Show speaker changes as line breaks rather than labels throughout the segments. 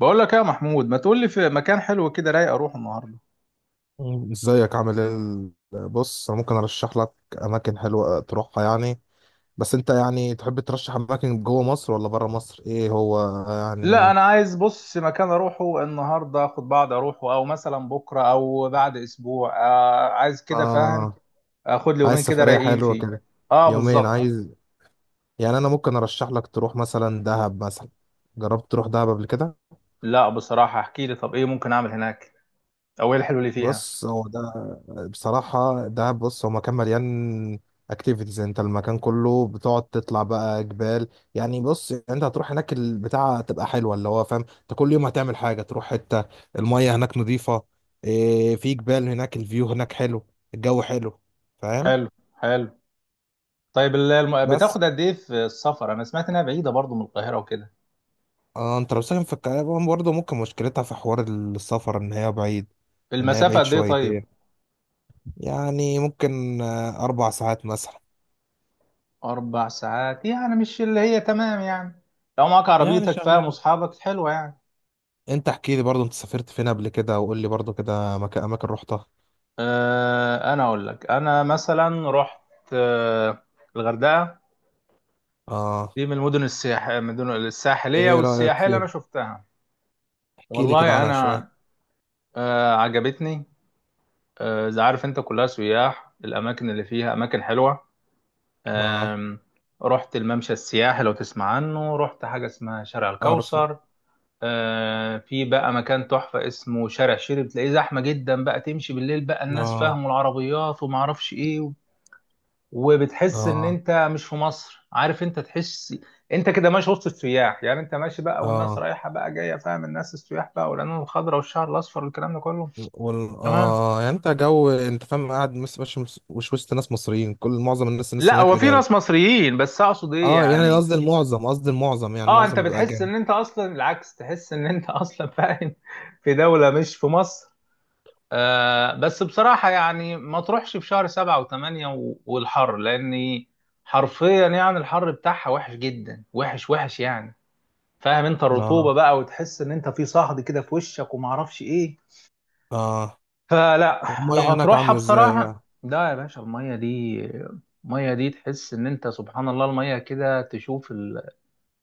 بقول لك يا محمود، ما تقول لي في مكان حلو كده رايق اروح النهارده.
ازيك؟ عامل ايه؟ بص، انا ممكن ارشح لك اماكن حلوه تروحها يعني. بس انت يعني تحب ترشح اماكن جوه مصر ولا بره مصر؟ ايه هو
لا،
يعني؟
انا عايز، بص، مكان اروحه النهارده اخد بعض، اروحه او مثلا بكره او بعد اسبوع. عايز كده، فاهم؟
اه،
اخد لي
عايز
يومين كده
سفريه
رايقين
حلوه
فيه.
كده.
اه،
يومين
بالظبط.
عايز. يعني انا ممكن ارشح لك تروح مثلا دهب مثلا. جربت تروح دهب قبل كده؟
لا، بصراحه احكي لي، طب ايه ممكن اعمل هناك؟ او ايه الحلو اللي فيها؟
بص هو ده بصراحة. ده بص هو مكان مليان اكتيفيتيز. انت المكان كله بتقعد تطلع بقى جبال. يعني بص، انت هتروح هناك البتاعة تبقى حلوة، اللي هو فاهم انت كل يوم هتعمل حاجة، تروح حتة. المية هناك نظيفة. ايه، في جبال هناك، الفيو هناك حلو. الجو حلو، فاهم.
حلو. حلو. طيب،
بس
بتاخد قد ايه في السفر؟ انا سمعت انها بعيده برضو من القاهره وكده.
اه، انت لو ساكن في القاهرة برضه ممكن مشكلتها في حوار السفر ان هي بعيد. ان هي
المسافه
بعيد
قد ايه طيب؟
شويتين. يعني ممكن 4 ساعات مثلا.
اربع ساعات؟ يعني مش اللي هي تمام يعني، لو معاك
يعني
عربيتك، فاهم،
شغال.
واصحابك، حلوه يعني.
انت احكي لي برضو، انت سافرت فين قبل كده وقول لي برضو كده مكان، اماكن رحتها.
انا اقول لك. انا مثلا رحت آه، الغردقه.
اه.
دي من المدن السياح، من المدن الساحليه
ايه رأيك
والسياحيه اللي انا
فيها؟
شفتها.
احكي لي كده
والله
عنها شوية.
انا عجبتني. زي، عارف انت، كلها سياح، الاماكن اللي فيها اماكن حلوه.
اه.
آم، رحت الممشى السياحي لو تسمع عنه، رحت حاجه اسمها شارع
اعرفه.
الكوثر. في بقى مكان تحفه اسمه شارع شيري، بتلاقيه زحمه جدا بقى، تمشي بالليل بقى، الناس
اه.
فاهموا العربيات وما اعرفش ايه. وبتحس ان
اه.
انت مش في مصر، عارف، انت تحس انت كده ماشي وسط السياح. يعني انت ماشي بقى والناس
اه
رايحه بقى جايه، فاهم، الناس السياح بقى، والعلوم الخضراء والشعر الاصفر والكلام ده كله. تمام.
اه، يعني انت جو، انت فاهم قاعد مش وسط ناس مصريين. كل معظم الناس
لا،
هناك
هو في
اجانب.
ناس مصريين، بس اقصد ايه
اه، يعني
يعني.
قصدي المعظم. يعني
اه، انت
المعظم بيبقى
بتحس
اجانب.
ان انت اصلا العكس، تحس ان انت اصلا، فاهم، في دوله مش في مصر. آه، بس بصراحه يعني ما تروحش في شهر سبعة وثمانية والحر، لاني حرفيا يعني الحر بتاعها وحش جدا، وحش وحش يعني، فاهم، انت الرطوبه
اه.
بقى، وتحس ان انت في صهد كده في وشك وما اعرفش ايه.
اه.
فلا. لو
والمية هناك
هتروحها
عاملة ازاي
بصراحه،
بقى؟
لا يا باشا، الميه دي، الميه دي تحس ان انت سبحان الله، الميه كده تشوف ال...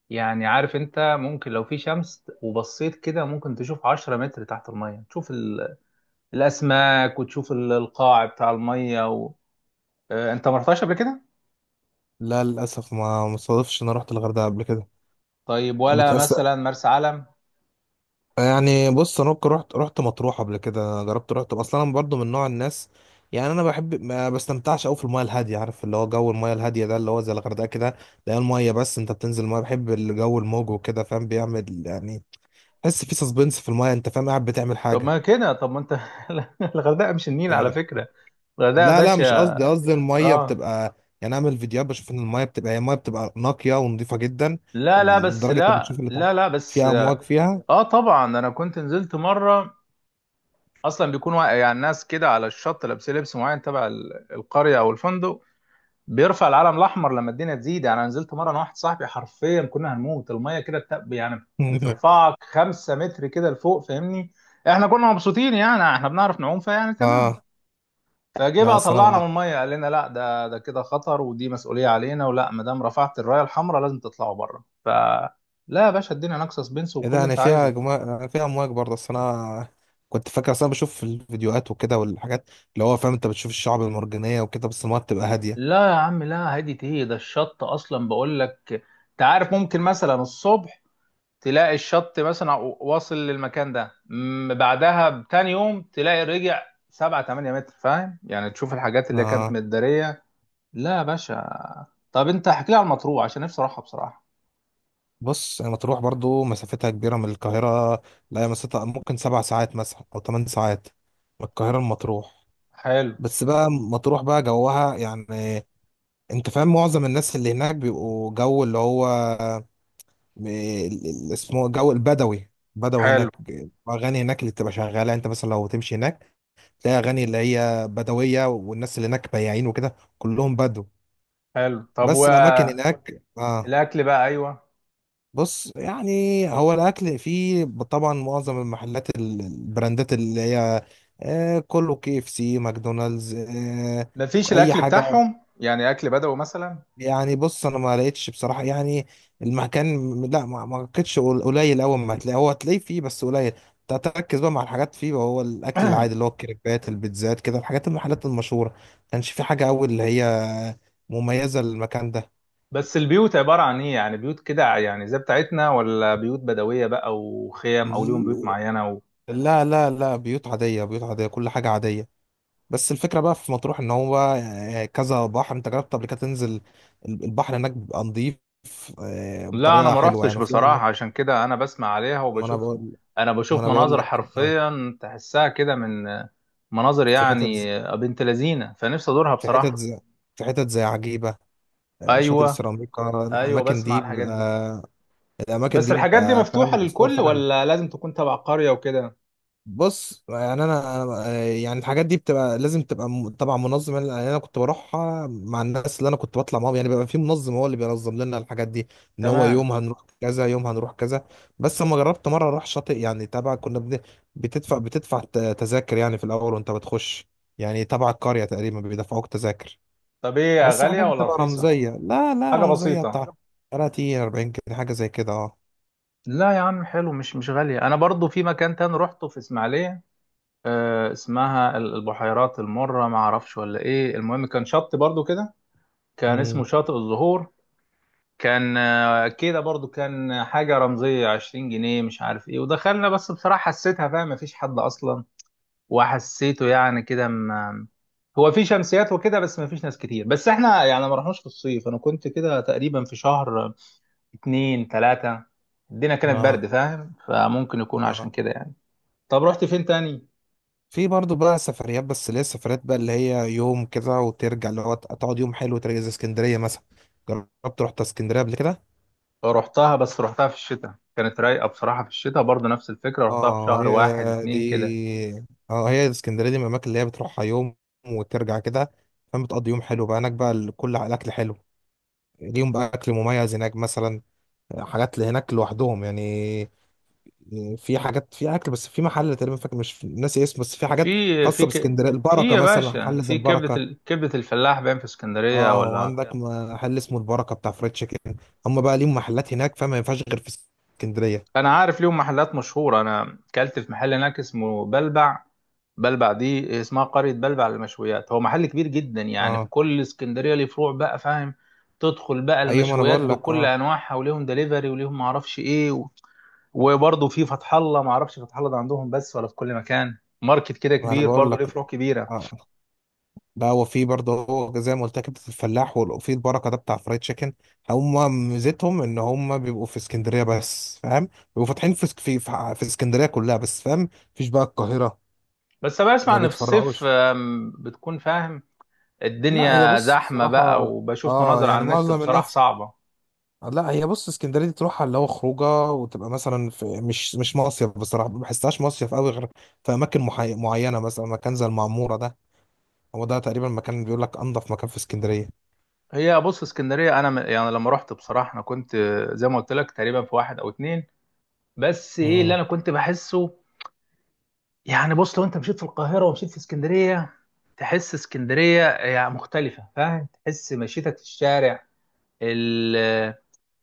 يعني عارف، انت ممكن لو في شمس وبصيت كده ممكن تشوف 10 متر تحت الميه، تشوف ال... الاسماك، وتشوف القاع بتاع الميه، و... اه، انت ما رحتهاش قبل كده؟
لا للاسف، ما مصادفش إن انا رحت الغردقة قبل كده.
طيب، ولا
بتأس...
مثلا مرسى علم؟
يعني بص، انا ممكن رحت مطروح قبل كده، جربت رحت اصلا. انا برضو من نوع الناس، يعني انا بحب، ما بستمتعش قوي في المايه الهاديه، عارف اللي هو جو المايه الهاديه ده اللي هو زي الغردقه كده. لا المايه، بس انت بتنزل المايه بحب الجو الموج وكده، فاهم، بيعمل يعني. تحس في سسبنس في المايه، انت فاهم قاعد بتعمل
طب
حاجه.
ما كده، طب ما انت، الغردقه مش النيل على
يعني
فكره. الغردقه يا
لا لا، مش
باشا.
قصدي، قصدي المايه
اه.
بتبقى. يعني اعمل فيديوهات، بشوف ان المايه بتبقى نقيه ونظيفه جدا.
لا لا بس
ولدرجه انت
لا
بتشوف اللي تحت،
لا لا بس
فيها
اه،
امواج فيها.
طبعا انا كنت نزلت مره. اصلا بيكون واقع يعني، ناس كده على الشط لابسين لبس معين تبع القريه او الفندق. بيرفع العلم الاحمر لما الدنيا تزيد. يعني انا نزلت مره، انا واحد صاحبي، حرفيا كنا هنموت. الميه كده يعني بترفعك خمسة متر كده لفوق، فاهمني. احنا كنا مبسوطين يعني، احنا بنعرف نعوم، فيعني تمام.
اه.
فجه
لا
بقى طلعنا
سلام.
من الميه، قال لنا لا، ده كده خطر، ودي مسؤوليه علينا، ولا ما دام رفعت الرايه الحمراء لازم تطلعوا بره. ف، لا يا باشا، الدنيا ناقصه سبنس،
ايه
وكل
ده؟
اللي
يعني
انت عايزه.
فيها امواج برضه. اصل انا كنت فاكر، اصل انا بشوف في الفيديوهات وكده، والحاجات اللي هو فاهم، انت بتشوف الشعب المرجانيه وكده بس المايه بتبقى هاديه.
لا يا عم، لا، هادي ايه؟ ده الشط اصلا بقول لك، انت عارف، ممكن مثلا الصبح تلاقي الشط مثلا واصل للمكان ده، بعدها بتاني يوم تلاقي رجع 7-8 متر، فاهم يعني، تشوف الحاجات اللي كانت
آه.
متداريه. لا يا باشا. طب انت احكي لي على المطروح، عشان نفسي اروحها بصراحه.
بص يعني مطروح برضه مسافتها كبيره من القاهره. لا هي مسافتها ممكن 7 ساعات مثلا، او 8 ساعات، من القاهره لمطروح.
حلو.
بس بقى مطروح بقى جوها يعني، انت فاهم، معظم الناس اللي هناك بيبقوا جو اللي هو اسمه جو البدوي، بدو
حلو.
هناك. اغاني هناك اللي بتبقى شغاله، انت مثلا لو تمشي هناك تلاقي اغاني اللي هي بدويه، والناس اللي هناك بياعين وكده كلهم بدو.
حلو. طب و،
بس الاماكن هناك اه.
الاكل بقى، ايوه.
بص، يعني هو الاكل فيه، طبعا معظم المحلات البراندات اللي هي، آه، كله KFC، ماكدونالدز، آه،
مفيش
اي
الاكل
حاجه.
بتاعهم يعني، اكل بدوي مثلا؟
يعني بص، انا ما لقيتش بصراحه يعني المكان، لا، ما لقيتش. قليل. اول ما هتلاقيه، هو هتلاقيه فيه بس قليل. انت هتركز بقى مع الحاجات فيه، وهو الاكل العادي اللي هو الكريبات، البيتزات كده، الحاجات المحلات المشهوره. ما كانش في حاجه قوي اللي هي مميزه للمكان ده.
بس البيوت عباره عن ايه يعني؟ بيوت كده يعني زي بتاعتنا، ولا بيوت بدويه بقى وخيام، او ليهم بيوت معينه و...؟
لا لا لا، بيوت عاديه، بيوت عاديه، كل حاجه عاديه. بس الفكره بقى في مطروح، ان هو كذا بحر. انت جربت قبل كده تنزل البحر هناك؟ بيبقى نظيف،
لا، انا
بطريقه
ما
حلوه
رحتش
يعني، وفي اماكن.
بصراحه، عشان كده انا بسمع عليها
ما انا
وبشوف.
بقول
انا
ما
بشوف
انا بقول
مناظر
لك،
حرفيا تحسها كده، من مناظر
في
يعني، بنت لذينه، فنفسي ازورها
في حتت
بصراحه.
ز- حتت زي عجيبة. شاطئ
ايوه.
السيراميكا،
ايوه،
الأماكن
بسمع
دي
الحاجات دي.
بيبقى،
بس الحاجات دي مفتوحه
فاهم مصدر
للكل،
في حاله.
ولا لازم تكون تبع قريه وكده؟
بص يعني يعني الحاجات دي بتبقى لازم تبقى، طبعا منظم. يعني أنا كنت بروحها مع الناس اللي أنا كنت بطلع معاهم، يعني بيبقى في منظم هو اللي بينظم لنا الحاجات دي. إن هو
تمام.
يوم هنروح كذا، يوم هنروح كذا. بس أما جربت مرة أروح شاطئ يعني تبع، كنا بتدفع تذاكر يعني في الأول وأنت بتخش. يعني تبع القرية تقريبا بيدفعوك تذاكر.
طب ايه،
بس
غاليه
حاجات
ولا
بتبقى
رخيصه؟
رمزية. لا لا،
حاجة
رمزية
بسيطة.
بتاع 30 40 كده، حاجة زي كده. اه.
لا يا عم حلو، مش مش غالية. أنا برضو في مكان تاني روحته في إسماعيلية، آه، اسمها البحيرات المرة، ما أعرفش ولا إيه، المهم كان شط برضو كده، كان اسمه
امم
شاطئ الزهور. كان، كده برضو، كان حاجة رمزية 20 جنيه مش عارف إيه، ودخلنا بس بصراحة حسيتها، فاهم، مفيش حد أصلا. وحسيته يعني كده، م-، هو في شمسيات وكده، بس مفيش ناس كتير. بس إحنا يعني ما رحناش في الصيف، أنا كنت كده تقريبا في شهر اتنين تلاتة، الدنيا كانت برد،
اه.
فاهم، فممكن يكون عشان
اه.
كده يعني. طب رحت فين تاني؟
في برضو بقى سفريات، بس اللي هي السفريات بقى اللي هي يوم كده وترجع، اللي هو تقعد يوم حلو وترجع، زي اسكندرية مثلا. جربت رحت اسكندرية قبل كده؟
رحتها، بس رحتها في الشتاء كانت رايقة بصراحة. في الشتاء برضه نفس الفكرة، رحتها في
اه
شهر
هي
واحد
دي.
اتنين كده.
اه هي اسكندرية دي من الأماكن اللي هي بتروحها يوم وترجع كده، فاهم. بتقضي يوم حلو بقى هناك بقى كل الأكل حلو. ليهم بقى أكل مميز هناك مثلا، حاجات اللي هناك لوحدهم يعني. في حاجات، في اكل، بس في محل تقريبا فاكر مش ناسي اسمه، بس في حاجات
في في
خاصه
ك...
باسكندريه.
في
البركه
يا
مثلا،
باشا
محل زي
في كبدة
البركه.
ال... كبدة الفلاح، باين في اسكندرية
اه،
ولا؟
وعندك محل اسمه البركه بتاع فريد تشيكن. هم بقى ليهم محلات هناك، فما ينفعش غير في اسكندريه.
فانا عارف ليهم محلات مشهوره. انا اكلت في محل هناك اسمه بلبع. بلبع دي اسمها قريه بلبع للمشويات، هو محل كبير جدا يعني، في
اه.
كل اسكندريه ليه فروع بقى، فاهم. تدخل بقى
ايوه، ما انا
المشويات
بقول لك
بكل
اه
انواعها، وليهم دليفري، وليهم ما اعرفش ايه و... وبرضه في فتح الله، ما اعرفش فتح الله ده عندهم بس، ولا في كل مكان. ماركت كده
ما انا
كبير
بقول
برضه، ليه
لك.
فروع كبيره.
اه. لا هو في برضه، هو زي ما قلت لك كبده الفلاح، وفي البركه ده بتاع فريد تشيكن. هم ميزتهم ان هم بيبقوا في اسكندريه بس، فاهم. بيبقوا فاتحين في في اسكندريه كلها بس، فاهم. مفيش بقى القاهره،
بس انا بسمع
ما
ان في الصيف
بيتفرعوش.
بتكون، فاهم،
لا هي،
الدنيا
بص
زحمه بقى،
بصراحة،
وبشوف
اه،
مناظر على
يعني
النت
معظم
بصراحه
الناس،
صعبه.
لا هي، بص اسكندرية دي تروحها اللي هو خروجه، وتبقى مثلا في مش مصيف بصراحة. ما بحسهاش مصيف قوي غير في أماكن معينة، مثلا مكان زي المعمورة ده. هو ده تقريبا مكان بيقول لك أنظف مكان في اسكندرية.
هي بص اسكندريه، انا، يعني لما رحت بصراحه، انا كنت زي ما قلت لك تقريبا في واحد او اتنين. بس ايه اللي
امم
انا كنت بحسه، يعني بص، لو انت مشيت في القاهره ومشيت في اسكندريه، تحس اسكندريه يعني مختلفه، فاهم، تحس مشيتك في الشارع، ال...،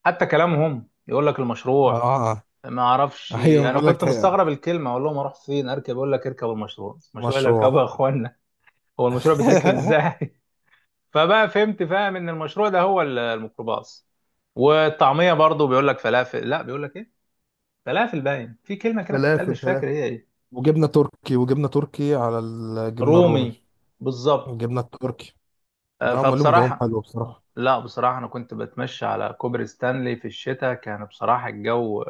حتى كلامهم، يقول لك
اه.
المشروع.
اه.
ما اعرفش،
ايوه.
انا
بقول لك
كنت مستغرب الكلمه، اقول لهم اروح فين اركب، يقول لك اركب المشروع. المشروع اللي اركبه
مشروع.
يا اخوانا، هو المشروع بيتركب ازاي؟ فبقى فهمت، فاهم، ان المشروع ده هو الميكروباص. والطعميه برضو بيقول لك فلافل، لا بيقول لك ايه، فلافل، باين. في كلمه كده بتتقال
فلافل
مش فاكر
فلافل،
هي ايه.
وجبنة تركي، على الجبنة الرومي،
رومي، بالظبط.
الجبنة التركي. لا، هم لهم جوهم
فبصراحه،
حلو بصراحة.
لا بصراحه انا كنت بتمشى على كوبري ستانلي في الشتاء، كان بصراحه الجو،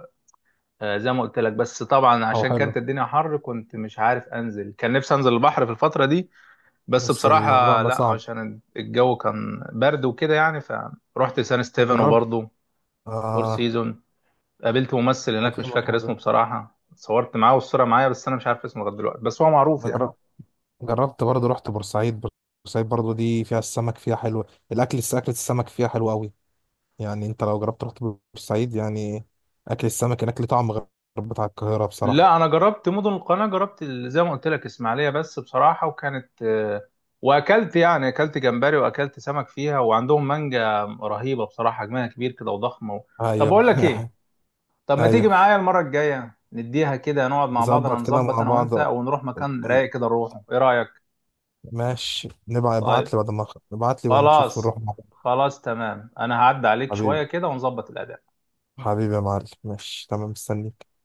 زي ما قلت لك، بس طبعا
هو
عشان
حلو،
كانت الدنيا حر كنت مش عارف انزل، كان نفسي انزل البحر في الفتره دي بس
بس الموضوع
بصراحه
بقى
لا،
صعب.
عشان الجو كان برد وكده يعني. فروحت سان ستيفن،
جربت.
وبرضه فور
آه.
سيزون. قابلت ممثل
أنا
هناك مش
فاهمك يا
فاكر اسمه
حبيبي.
بصراحة، صورت معاه والصورة معايا بس أنا مش عارف اسمه لغاية دلوقتي، بس هو معروف
أنا
يعني.
جر- جربت برضه رحت بورسعيد. بورسعيد برضه دي فيها السمك، فيها حلو. أكلة السمك فيها حلوة أوي. يعني أنت لو جربت رحت بورسعيد، يعني أكل السمك هناك ليه طعم غير بتاع القاهرة بصراحة.
لا، أنا جربت مدن القناة. جربت زي ما قلت لك إسماعيلية، بس بصراحة، وكانت وأكلت، يعني أكلت جمبري وأكلت سمك فيها، وعندهم مانجا رهيبة بصراحة، حجمها كبير كده وضخمة و... طب
أيوه.
بقول لك إيه، طب ما تيجي
أيوه،
معايا المرة الجاية، نديها كده، نقعد مع بعضنا،
نظبط كده
نظبط
مع
أنا
بعض.
وأنت، ونروح
ون-
مكان
ون-
رايق كده نروحه، إيه رأيك؟
ماشي، نبقى
طيب.
ابعت لي بعد ما ابعت لي، ونشوف
خلاص.
نروح مع بعض.
خلاص تمام، أنا هعدي عليك شوية
حبيبي.
كده ونظبط الأداء.
حبيبي يا معلم، ماشي تمام، مستنيك.